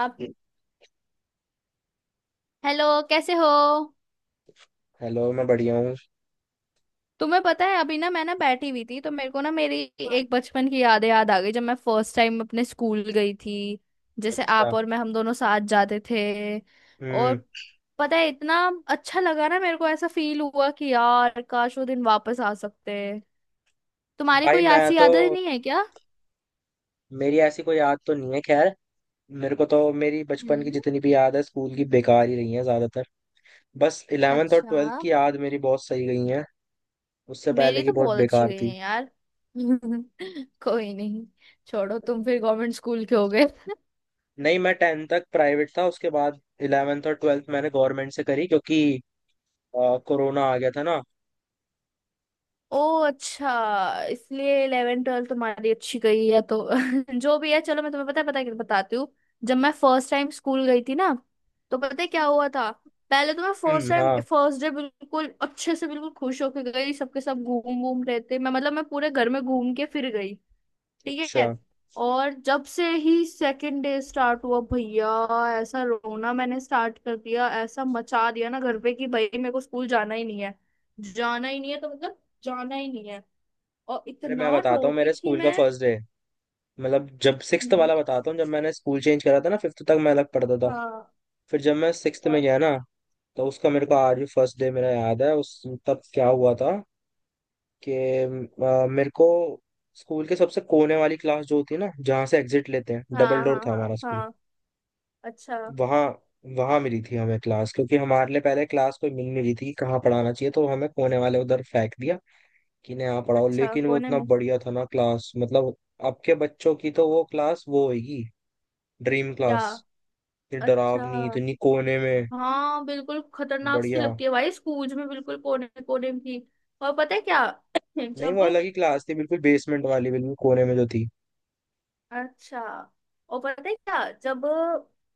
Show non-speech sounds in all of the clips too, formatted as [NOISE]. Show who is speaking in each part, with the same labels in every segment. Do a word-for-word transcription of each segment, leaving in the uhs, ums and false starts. Speaker 1: आप। हेलो, कैसे हो?
Speaker 2: हेलो। मैं बढ़िया हूँ।
Speaker 1: तुम्हें पता है अभी ना मैं ना बैठी हुई थी तो मेरे को ना मेरी एक बचपन की यादें याद आ गई जब मैं फर्स्ट टाइम अपने स्कूल गई थी। जैसे
Speaker 2: अच्छा।
Speaker 1: आप और मैं हम दोनों साथ जाते थे। और
Speaker 2: हम्म।
Speaker 1: पता है इतना अच्छा लगा ना, मेरे को ऐसा फील हुआ कि यार काश वो दिन वापस आ सकते। तुम्हारी
Speaker 2: भाई
Speaker 1: कोई
Speaker 2: मैं
Speaker 1: ऐसी
Speaker 2: तो,
Speaker 1: यादें नहीं है क्या?
Speaker 2: मेरी ऐसी कोई याद तो नहीं है। खैर, मेरे को तो मेरी बचपन की
Speaker 1: हम्म।
Speaker 2: जितनी भी याद है स्कूल की, बेकार ही रही है ज्यादातर। बस इलेवेंथ और
Speaker 1: अच्छा।
Speaker 2: ट्वेल्थ की याद मेरी बहुत सही गई है। उससे पहले
Speaker 1: मेरी
Speaker 2: की
Speaker 1: तो
Speaker 2: बहुत
Speaker 1: बहुत अच्छी
Speaker 2: बेकार
Speaker 1: गई
Speaker 2: थी।
Speaker 1: है यार [LAUGHS] कोई नहीं, छोड़ो, तुम फिर गवर्नमेंट स्कूल के हो गए [LAUGHS]
Speaker 2: नहीं, मैं टेंथ तक प्राइवेट था, उसके बाद इलेवेंथ और ट्वेल्थ मैंने गवर्नमेंट से करी क्योंकि अ, कोरोना आ गया था ना।
Speaker 1: ओ, अच्छा। इसलिए इलेवन ट्वेल्थ तुम्हारी अच्छी गई है तो [LAUGHS] जो भी है, चलो मैं तुम्हें पता है पता है क्या बताती हूँ। जब मैं फर्स्ट टाइम स्कूल गई थी ना, तो पता है क्या हुआ था? पहले तो मैं फर्स्ट
Speaker 2: हम्म,
Speaker 1: टाइम
Speaker 2: हाँ।
Speaker 1: फर्स्ट डे बिल्कुल अच्छे से बिल्कुल खुश होके गई, सबके सब घूम घूम रहे थे, मैं मतलब मैं पूरे घर में घूम के फिर गई। ठीक है।
Speaker 2: अच्छा।
Speaker 1: और जब से ही सेकंड डे स्टार्ट हुआ भैया, ऐसा रोना मैंने स्टार्ट कर दिया, ऐसा मचा दिया ना घर पे कि भाई मेरे को स्कूल जाना ही नहीं है। जाना ही नहीं है तो मतलब जाना ही नहीं है। और
Speaker 2: अरे मैं
Speaker 1: इतना
Speaker 2: बताता हूँ
Speaker 1: रोती
Speaker 2: मेरे
Speaker 1: थी
Speaker 2: स्कूल का
Speaker 1: मैं।
Speaker 2: First day. मतलब जब सिक्स्थ
Speaker 1: हम्म,
Speaker 2: वाला बताता हूँ, जब मैंने स्कूल चेंज करा था ना, फिफ्थ तक मैं अलग पढ़ता था।
Speaker 1: हाँ।
Speaker 2: फिर जब मैं सिक्स्थ में
Speaker 1: हाँ
Speaker 2: गया ना, तो उसका मेरे को आज भी फर्स्ट डे मेरा याद है उस। तब क्या हुआ था कि अ, मेरे को स्कूल के सबसे कोने वाली क्लास, जो होती है ना जहाँ से एग्जिट लेते हैं, डबल
Speaker 1: हाँ
Speaker 2: डोर
Speaker 1: हाँ
Speaker 2: था
Speaker 1: हाँ
Speaker 2: हमारा स्कूल।
Speaker 1: हाँ, अच्छा।
Speaker 2: वहाँ, वहाँ मिली थी हमें क्लास, क्योंकि हमारे लिए पहले क्लास कोई मिल नहीं रही थी कि कहाँ पढ़ाना चाहिए, तो हमें कोने वाले उधर फेंक दिया कि नहीं यहाँ पढ़ाओ।
Speaker 1: अच्छा,
Speaker 2: लेकिन वो
Speaker 1: कोने
Speaker 2: इतना
Speaker 1: में?
Speaker 2: बढ़िया था ना क्लास, मतलब अब के बच्चों की तो वो क्लास वो होगी ड्रीम
Speaker 1: क्या?
Speaker 2: क्लास। ये
Speaker 1: अच्छा।
Speaker 2: डरावनी, इतनी कोने में,
Speaker 1: हाँ बिल्कुल खतरनाक सी
Speaker 2: बढ़िया।
Speaker 1: लगती है भाई, स्कूल में बिल्कुल कोने कोने की। और पता है क्या, [CLEARS THROAT]
Speaker 2: नहीं, वो
Speaker 1: जब,
Speaker 2: अलग ही क्लास थी, बिल्कुल बेसमेंट वाली, बिल्कुल कोने में जो थी।
Speaker 1: अच्छा और पता है क्या जब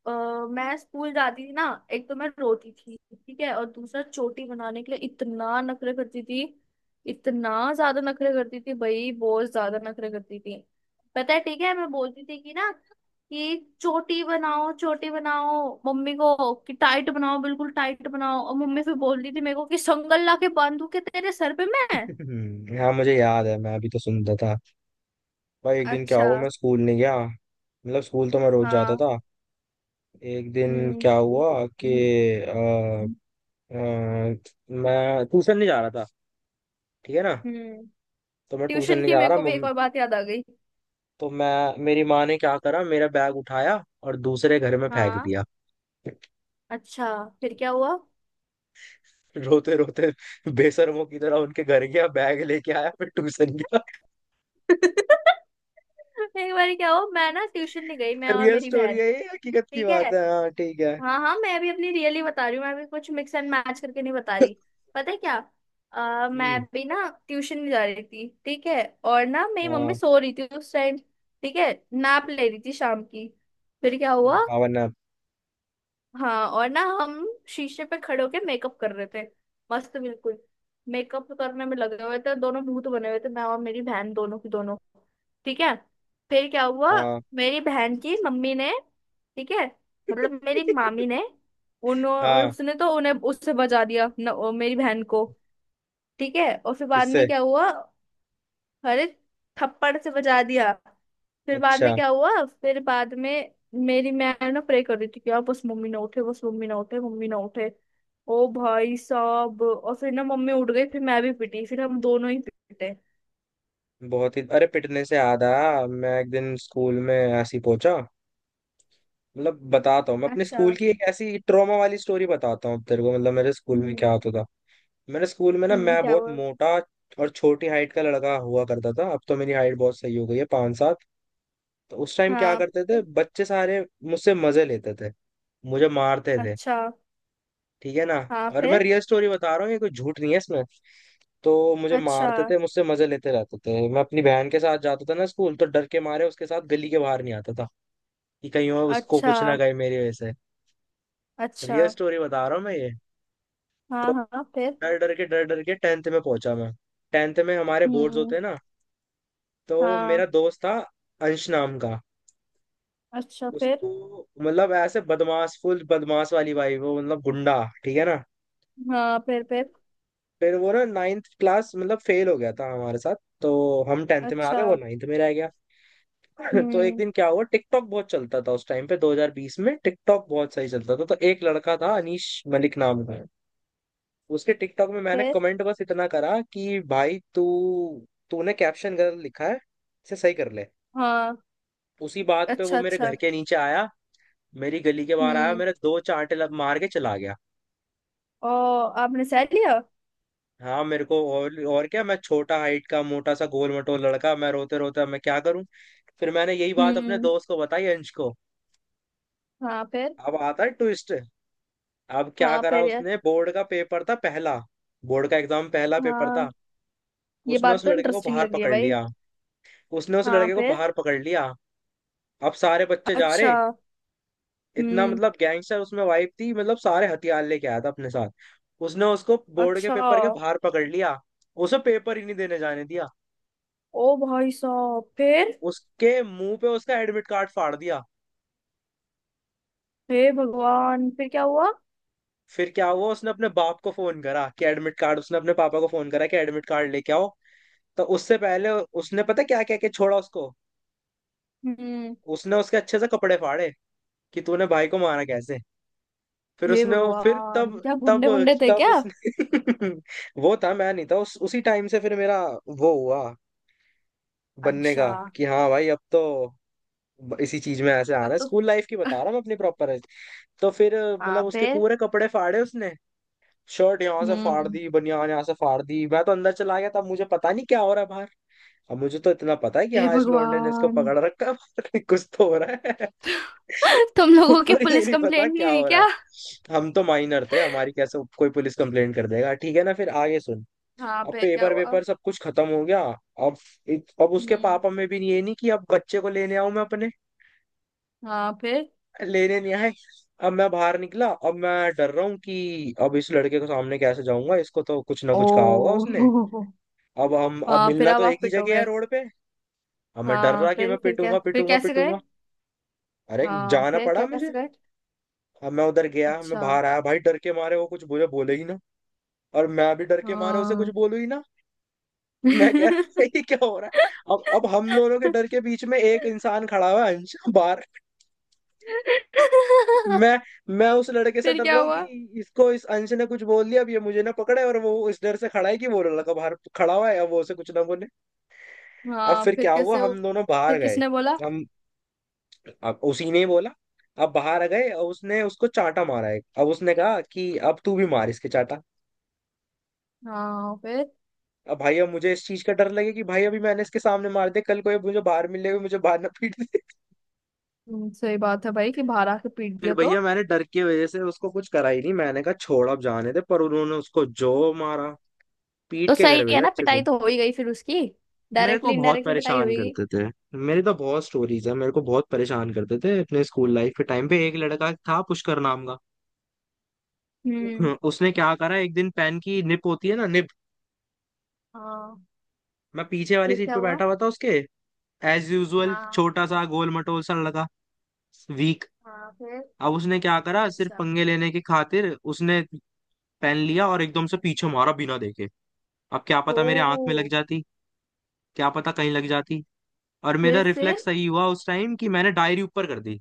Speaker 1: अ, मैं स्कूल जाती थी ना, एक तो मैं रोती थी, ठीक है, और दूसरा चोटी बनाने के लिए इतना नखरे करती थी, इतना ज्यादा नखरे करती थी भाई, बहुत ज्यादा नखरे करती थी। पता है ठीक है, मैं बोलती थी कि ना कि चोटी बनाओ चोटी बनाओ मम्मी को कि टाइट बनाओ बिल्कुल टाइट बनाओ, और मम्मी फिर बोलती थी मेरे को कि संगल ला के बांधू के तेरे सर पे मैं।
Speaker 2: [LAUGHS] हम्म, हाँ, मुझे याद है मैं अभी तो सुनता था। भाई एक दिन क्या
Speaker 1: अच्छा।
Speaker 2: हुआ, मैं स्कूल नहीं गया। मतलब स्कूल तो मैं रोज जाता
Speaker 1: हाँ।
Speaker 2: था। एक दिन
Speaker 1: हम्म।
Speaker 2: क्या हुआ कि अ, अ, मैं ट्यूशन नहीं जा रहा था, ठीक है ना।
Speaker 1: हम्म,
Speaker 2: तो मैं ट्यूशन
Speaker 1: ट्यूशन
Speaker 2: नहीं
Speaker 1: की
Speaker 2: जा
Speaker 1: मेरे
Speaker 2: रहा
Speaker 1: को भी
Speaker 2: मम,
Speaker 1: एक और बात याद आ गई।
Speaker 2: तो मैं, मेरी माँ ने क्या करा, मेरा बैग उठाया और दूसरे घर में फेंक
Speaker 1: हाँ,
Speaker 2: दिया। [LAUGHS]
Speaker 1: अच्छा, फिर क्या हुआ?
Speaker 2: रोते रोते, बेशर्मों की तरह उनके घर गया, बैग लेके आया, फिर ट्यूशन गया।
Speaker 1: [LAUGHS] एक बार क्या हो, मैं ना ट्यूशन नहीं गई, मैं और
Speaker 2: रियल
Speaker 1: मेरी
Speaker 2: स्टोरी
Speaker 1: बहन।
Speaker 2: है, ये हकीकत की
Speaker 1: ठीक है।
Speaker 2: बात है। हाँ ठीक है।
Speaker 1: हाँ हाँ, मैं भी अपनी रियली बता रही हूँ, मैं भी कुछ मिक्स एंड मैच करके नहीं बता रही। पता है क्या, अ, मैं
Speaker 2: हम्म।
Speaker 1: भी ना ट्यूशन नहीं जा रही थी, ठीक है, और ना मेरी मम्मी
Speaker 2: हाँ।
Speaker 1: सो रही थी उस टाइम, ठीक है, नैप ले रही थी शाम की। फिर क्या
Speaker 2: हम्म।
Speaker 1: हुआ,
Speaker 2: भावना,
Speaker 1: हाँ, और ना हम शीशे पे खड़े होके मेकअप कर रहे थे, मस्त बिल्कुल, मेकअप करने में लगे हुए थे, दोनों भूत बने हुए थे मैं और मेरी बहन, दोनों की दोनों। ठीक है। फिर क्या हुआ,
Speaker 2: हाँ।
Speaker 1: मेरी बहन की मम्मी ने, ठीक है मतलब मेरी मामी ने, उन्होंने
Speaker 2: हाँ।
Speaker 1: उसने तो उन्हें उससे बचा दिया न, ओ, मेरी बहन को। ठीक है, और फिर बाद में
Speaker 2: किससे?
Speaker 1: क्या हुआ, अरे थप्पड़ से बजा दिया। फिर बाद में
Speaker 2: अच्छा।
Speaker 1: क्या हुआ, फिर बाद में मेरी मैं ना प्रे कर रही थी कि आप बस मम्मी ना उठे, बस मम्मी ना उठे, मम्मी ना उठे। ओ भाई साहब, और फिर ना मम्मी उठ गई, फिर मैं भी पिटी, फिर हम दोनों ही पिटे।
Speaker 2: बहुत ही, अरे पिटने से याद आया, मैं एक दिन स्कूल में ऐसी पहुंचा। मतलब बताता हूँ, मैं अपने
Speaker 1: अच्छा।
Speaker 2: स्कूल की एक ऐसी ट्रॉमा वाली स्टोरी बताता हूँ तेरे को। मतलब मेरे स्कूल में क्या
Speaker 1: हम्म।
Speaker 2: होता था, मेरे स्कूल में ना,
Speaker 1: हम्म,
Speaker 2: मैं
Speaker 1: क्या
Speaker 2: बहुत
Speaker 1: हुआ?
Speaker 2: मोटा और छोटी हाइट का लड़का हुआ करता था। अब तो मेरी हाइट बहुत सही हो गई है, पाँच सात। तो उस टाइम क्या
Speaker 1: हाँ,
Speaker 2: करते थे
Speaker 1: फिर?
Speaker 2: बच्चे सारे, मुझसे मजे लेते थे, मुझे मारते थे,
Speaker 1: अच्छा।
Speaker 2: ठीक है ना।
Speaker 1: हाँ
Speaker 2: और मैं
Speaker 1: फिर।
Speaker 2: रियल स्टोरी बता रहा हूँ, ये कोई झूठ नहीं है इसमें। तो मुझे
Speaker 1: अच्छा।
Speaker 2: मारते थे, मुझसे मजे लेते रहते थे। मैं अपनी बहन के साथ जाता था ना स्कूल, तो डर के मारे उसके साथ गली के बाहर नहीं आता था कि कहीं और उसको
Speaker 1: अच्छा।
Speaker 2: कुछ ना कहे मेरी वजह से।
Speaker 1: अच्छा।
Speaker 2: रियल स्टोरी बता रहा हूँ मैं ये।
Speaker 1: हाँ।
Speaker 2: तो
Speaker 1: हाँ फिर।
Speaker 2: डर डर के, डर डर के टेंथ में पहुंचा मैं। टेंथ में हमारे बोर्ड्स
Speaker 1: हम्म।
Speaker 2: होते हैं ना। तो
Speaker 1: हाँ।
Speaker 2: मेरा दोस्त था अंश नाम का।
Speaker 1: अच्छा फिर।
Speaker 2: उसको मतलब ऐसे बदमाश, फुल बदमाश वाली, भाई वो मतलब गुंडा, ठीक है ना।
Speaker 1: हाँ फिर फिर।
Speaker 2: फिर वो ना नाइन्थ क्लास मतलब फेल हो गया था हमारे साथ। तो हम टेंथ में आ
Speaker 1: अच्छा।
Speaker 2: गए, वो नाइन्थ में रह गया। [LAUGHS] तो एक
Speaker 1: हम्म।
Speaker 2: दिन क्या हुआ, टिकटॉक बहुत चलता था उस टाइम पे, दो हज़ार बीस में टिकटॉक बहुत सही चलता था। तो एक लड़का था अनीश मलिक नाम का। उसके टिकटॉक में मैंने
Speaker 1: फिर।
Speaker 2: कमेंट बस इतना करा कि भाई तू, तूने कैप्शन गलत लिखा है, इसे सही कर ले।
Speaker 1: हाँ।
Speaker 2: उसी बात पे
Speaker 1: अच्छा।
Speaker 2: वो मेरे
Speaker 1: अच्छा।
Speaker 2: घर के नीचे आया, मेरी गली के बाहर आया,
Speaker 1: हम्म।
Speaker 2: मेरे दो चांटे लब मार के चला गया।
Speaker 1: ओ, आपने सह लिया?
Speaker 2: हाँ, मेरे को और और क्या, मैं छोटा हाइट का मोटा सा गोल मटोल लड़का, मैं रोते रोते, अब मैं क्या करूं। फिर मैंने यही बात अपने
Speaker 1: हम्म।
Speaker 2: दोस्त को बताई, अंश को।
Speaker 1: हाँ, फिर।
Speaker 2: अब आता है ट्विस्ट। अब क्या
Speaker 1: हाँ,
Speaker 2: करा
Speaker 1: फिर यार।
Speaker 2: उसने, बोर्ड का पेपर था पहला, बोर्ड का एग्जाम, पहला पेपर था।
Speaker 1: हाँ, ये
Speaker 2: उसने
Speaker 1: बात
Speaker 2: उस
Speaker 1: तो
Speaker 2: लड़के को
Speaker 1: इंटरेस्टिंग
Speaker 2: बाहर
Speaker 1: लग रही है
Speaker 2: पकड़
Speaker 1: भाई।
Speaker 2: लिया उसने उस
Speaker 1: हाँ
Speaker 2: लड़के को
Speaker 1: फिर।
Speaker 2: बाहर पकड़ लिया अब सारे बच्चे जा
Speaker 1: अच्छा।
Speaker 2: रहे, इतना
Speaker 1: हम्म।
Speaker 2: मतलब गैंगस्टर उसमें वाइब थी, मतलब सारे हथियार लेके आया था अपने साथ। उसने उसको बोर्ड के
Speaker 1: अच्छा।
Speaker 2: पेपर के बाहर पकड़ लिया, उसे पेपर ही नहीं देने जाने दिया।
Speaker 1: ओ भाई साहब, फिर?
Speaker 2: उसके मुंह पे उसका एडमिट कार्ड फाड़ दिया।
Speaker 1: हे भगवान, फिर क्या हुआ?
Speaker 2: फिर क्या हुआ, उसने अपने बाप को फोन करा कि एडमिट कार्ड, उसने अपने पापा को फोन करा कि एडमिट कार्ड लेके आओ। तो उससे पहले उसने पता क्या क्या क्या छोड़ा उसको,
Speaker 1: हम्म।
Speaker 2: उसने उसके अच्छे से कपड़े फाड़े कि तूने भाई को मारा कैसे। फिर
Speaker 1: हे
Speaker 2: उसने वो- फिर
Speaker 1: भगवान,
Speaker 2: तब
Speaker 1: क्या
Speaker 2: तब
Speaker 1: गुंडे गुंडे थे
Speaker 2: तब
Speaker 1: क्या?
Speaker 2: उसने, [LAUGHS] वो था, मैं नहीं था। उस उसी टाइम से फिर मेरा वो हुआ बनने का,
Speaker 1: अच्छा।
Speaker 2: कि हाँ भाई अब तो इसी चीज में ऐसे आना
Speaker 1: अब
Speaker 2: है।
Speaker 1: तो
Speaker 2: स्कूल लाइफ की बता रहा
Speaker 1: [LAUGHS]
Speaker 2: हूँ मैं अपनी प्रॉपर। तो फिर
Speaker 1: हाँ
Speaker 2: मतलब उसके
Speaker 1: फिर।
Speaker 2: पूरे कपड़े फाड़े उसने, शर्ट यहाँ से फाड़
Speaker 1: हम्म।
Speaker 2: दी, बनियान यहाँ से फाड़ दी। मैं तो अंदर चला गया, तब मुझे पता नहीं क्या हो रहा है बाहर। अब मुझे तो इतना पता है कि
Speaker 1: हे
Speaker 2: हाँ इस लौंडे ने इसको
Speaker 1: भगवान।
Speaker 2: पकड़ रखा है, बाहर कुछ तो हो रहा है। [LAUGHS]
Speaker 1: [LAUGHS] तुम लोगों की
Speaker 2: पर ये
Speaker 1: पुलिस
Speaker 2: नहीं पता
Speaker 1: कंप्लेंट नहीं
Speaker 2: क्या
Speaker 1: हुई
Speaker 2: हो रहा
Speaker 1: क्या?
Speaker 2: है। हम तो माइनर थे, हमारी कैसे कोई पुलिस कंप्लेंट कर देगा, ठीक है ना। फिर आगे सुन।
Speaker 1: हाँ,
Speaker 2: अब
Speaker 1: फिर क्या
Speaker 2: पेपर
Speaker 1: हुआ?
Speaker 2: वेपर सब कुछ खत्म हो गया। अब अब उसके
Speaker 1: हम्म।
Speaker 2: पापा में भी ये नहीं कि अब बच्चे को लेने आऊं मैं अपने,
Speaker 1: हाँ फिर।
Speaker 2: लेने नहीं आए। अब मैं बाहर निकला, अब मैं डर रहा हूँ कि अब इस लड़के के सामने कैसे जाऊंगा, इसको तो कुछ ना
Speaker 1: ओ
Speaker 2: कुछ कहा होगा उसने।
Speaker 1: [LAUGHS]
Speaker 2: अब हम, अब
Speaker 1: हाँ फिर,
Speaker 2: मिलना
Speaker 1: अब
Speaker 2: तो
Speaker 1: आप
Speaker 2: एक ही
Speaker 1: फिट हो
Speaker 2: जगह है,
Speaker 1: गए?
Speaker 2: रोड पे। अब मैं डर
Speaker 1: हाँ
Speaker 2: रहा कि
Speaker 1: फिर
Speaker 2: मैं
Speaker 1: फिर क्या,
Speaker 2: पिटूंगा
Speaker 1: फिर
Speaker 2: पिटूंगा
Speaker 1: कैसे गए?
Speaker 2: पिटूंगा अरे
Speaker 1: हाँ
Speaker 2: जाना
Speaker 1: फिर
Speaker 2: पड़ा मुझे।
Speaker 1: कैसे गए?
Speaker 2: अब मैं उधर गया, मैं
Speaker 1: अच्छा।
Speaker 2: बाहर आया, भाई डर के मारे वो कुछ मुझे बोले ही ना, और मैं भी डर के मारे उसे कुछ
Speaker 1: हाँ।
Speaker 2: बोलू ही ना। मैं कह रहा
Speaker 1: [LAUGHS]
Speaker 2: [LAUGHS] था ये क्या हो रहा है अब। अब हम दोनों के डर के बीच में एक इंसान खड़ा हुआ है अंश, बाहर। मैं मैं उस लड़के से
Speaker 1: फिर
Speaker 2: डर
Speaker 1: क्या
Speaker 2: रहा हूँ कि
Speaker 1: हुआ?
Speaker 2: इसको, इस अंश ने कुछ बोल दिया, अब ये मुझे ना पकड़े। और वो इस डर से खड़ा है कि वो लड़का बाहर खड़ा हुआ है, अब वो उसे कुछ ना बोले। अब
Speaker 1: हाँ
Speaker 2: फिर
Speaker 1: फिर
Speaker 2: क्या हुआ,
Speaker 1: कैसे हो,
Speaker 2: हम दोनों बाहर
Speaker 1: फिर
Speaker 2: गए।
Speaker 1: किसने बोला?
Speaker 2: हम, अब उसी ने ही बोला। अब बाहर आ गए, अब उसने उसको चांटा मारा है, अब उसने कहा कि अब तू भी मार इसके चांटा।
Speaker 1: हाँ फिर।
Speaker 2: अब भाई, अब मुझे इस चीज का डर लगे कि भाई अभी मैंने इसके सामने मार दे, कल कोई मुझे बाहर मिलेगा, मुझे बाहर ना पीट दे।
Speaker 1: हम्म, सही बात है भाई कि बाहर आके पीट
Speaker 2: [LAUGHS] फिर
Speaker 1: दिया तो।
Speaker 2: भैया मैंने डर की वजह से उसको कुछ करा ही नहीं, मैंने कहा छोड़ अब जाने दे। पर उन्होंने उसको जो मारा, पीट
Speaker 1: तो
Speaker 2: के
Speaker 1: सही
Speaker 2: घर
Speaker 1: है
Speaker 2: भेजा
Speaker 1: ना,
Speaker 2: अच्छे
Speaker 1: पिटाई
Speaker 2: से।
Speaker 1: तो हो ही गई फिर उसकी,
Speaker 2: मेरे को
Speaker 1: डायरेक्टली
Speaker 2: बहुत
Speaker 1: इनडायरेक्टली पिटाई
Speaker 2: परेशान
Speaker 1: होगी।
Speaker 2: करते थे, मेरी तो बहुत स्टोरीज है। मेरे को बहुत परेशान करते थे अपने स्कूल लाइफ के टाइम पे। एक लड़का था पुष्कर नाम का।
Speaker 1: हम्म।
Speaker 2: [LAUGHS] उसने क्या करा एक दिन, पेन की निप होती है ना, निप।
Speaker 1: हाँ,
Speaker 2: मैं पीछे वाली
Speaker 1: फिर
Speaker 2: सीट
Speaker 1: क्या
Speaker 2: पे
Speaker 1: हुआ?
Speaker 2: बैठा हुआ था उसके। एज यूजुअल
Speaker 1: हाँ।
Speaker 2: छोटा सा गोल मटोल सा लड़का, वीक।
Speaker 1: हाँ फिर।
Speaker 2: अब उसने क्या करा, सिर्फ
Speaker 1: अच्छा।
Speaker 2: पंगे लेने की खातिर उसने पेन लिया और एकदम से पीछे मारा बिना देखे। अब क्या पता मेरे आंख में
Speaker 1: ओ।
Speaker 2: लग जाती, क्या पता कहीं लग जाती। और मेरा
Speaker 1: फिर। फिर।
Speaker 2: रिफ्लेक्स सही हुआ उस टाइम कि मैंने डायरी ऊपर कर दी।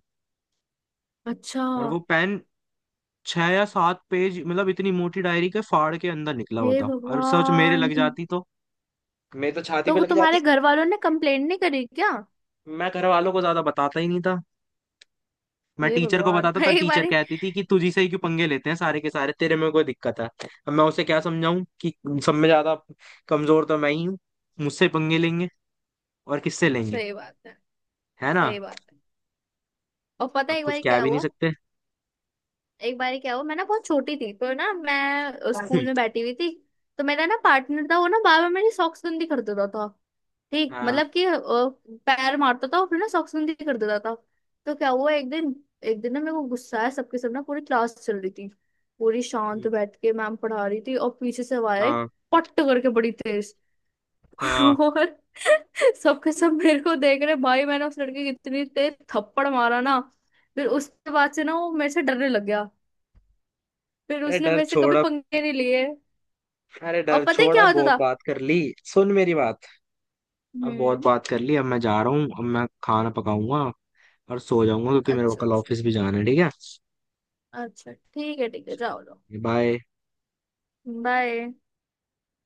Speaker 1: अच्छा।
Speaker 2: और वो पेन, छह या सात पेज मतलब इतनी मोटी डायरी के फाड़ के अंदर निकला हुआ
Speaker 1: हे
Speaker 2: था। और सच मेरे
Speaker 1: भगवान,
Speaker 2: लग जाती तो मेरे तो छाती पे
Speaker 1: तो
Speaker 2: लग जाती।
Speaker 1: तुम्हारे घर वालों ने कंप्लेंट नहीं करी क्या?
Speaker 2: मैं घर वालों को ज्यादा बताता ही नहीं था, मैं
Speaker 1: हे
Speaker 2: टीचर को
Speaker 1: भगवान,
Speaker 2: बताता
Speaker 1: [LAUGHS]
Speaker 2: था।
Speaker 1: एक
Speaker 2: टीचर
Speaker 1: बारी।
Speaker 2: कहती थी कि तुझी से ही क्यों पंगे लेते हैं सारे के सारे, तेरे में कोई दिक्कत है। अब मैं उसे क्या समझाऊं कि सब में ज्यादा कमजोर तो मैं ही हूँ, मुझसे पंगे लेंगे और किससे लेंगे,
Speaker 1: सही बात है।
Speaker 2: है ना।
Speaker 1: सही बात है। और पता
Speaker 2: अब
Speaker 1: है एक
Speaker 2: कुछ
Speaker 1: बारी
Speaker 2: कह
Speaker 1: क्या
Speaker 2: भी नहीं
Speaker 1: हुआ,
Speaker 2: सकते।
Speaker 1: एक बार क्या हुआ, मैं ना बहुत छोटी थी, तो ना मैं स्कूल में
Speaker 2: [LAUGHS]
Speaker 1: बैठी हुई थी, तो मेरा ना पार्टनर था, वो ना बार बार मेरी सॉक्स गंदी कर देता था। ठीक
Speaker 2: हाँ
Speaker 1: मतलब कि अ, पैर मारता था और फिर ना सॉक्स गंदी कर देता था। तो क्या हुआ एक दिन, एक दिन ना मेरे को गुस्सा आया, सबके सब ना पूरी क्लास चल रही थी, पूरी शांत बैठ के मैम पढ़ा रही थी, और पीछे से आवाज आई
Speaker 2: हाँ
Speaker 1: पट्ट करके बड़ी तेज
Speaker 2: हाँ
Speaker 1: [LAUGHS] और सबके सब मेरे को देख रहे भाई, मैंने उस लड़के की इतनी तेज थप्पड़ मारा ना, फिर उसके बाद से ना वो मेरे से डरने लग गया, फिर
Speaker 2: अरे
Speaker 1: उसने
Speaker 2: डर
Speaker 1: मेरे से
Speaker 2: छोड़
Speaker 1: कभी
Speaker 2: अब।
Speaker 1: पंखे नहीं लिए।
Speaker 2: अरे
Speaker 1: और
Speaker 2: डर
Speaker 1: पता है
Speaker 2: छोड़
Speaker 1: क्या
Speaker 2: अब,
Speaker 1: होता
Speaker 2: बहुत
Speaker 1: था?
Speaker 2: बात कर ली। सुन मेरी बात, अब बहुत
Speaker 1: हम्म।
Speaker 2: बात कर ली, अब मैं जा रहा हूँ, अब मैं खाना पकाऊंगा और सो जाऊंगा, क्योंकि मेरे को
Speaker 1: अच्छा,
Speaker 2: कल
Speaker 1: अच्छा।
Speaker 2: ऑफिस भी जाना है, ठीक है।
Speaker 1: अच्छा, ठीक है, ठीक है, जाओ लो।
Speaker 2: बाय।
Speaker 1: बाय।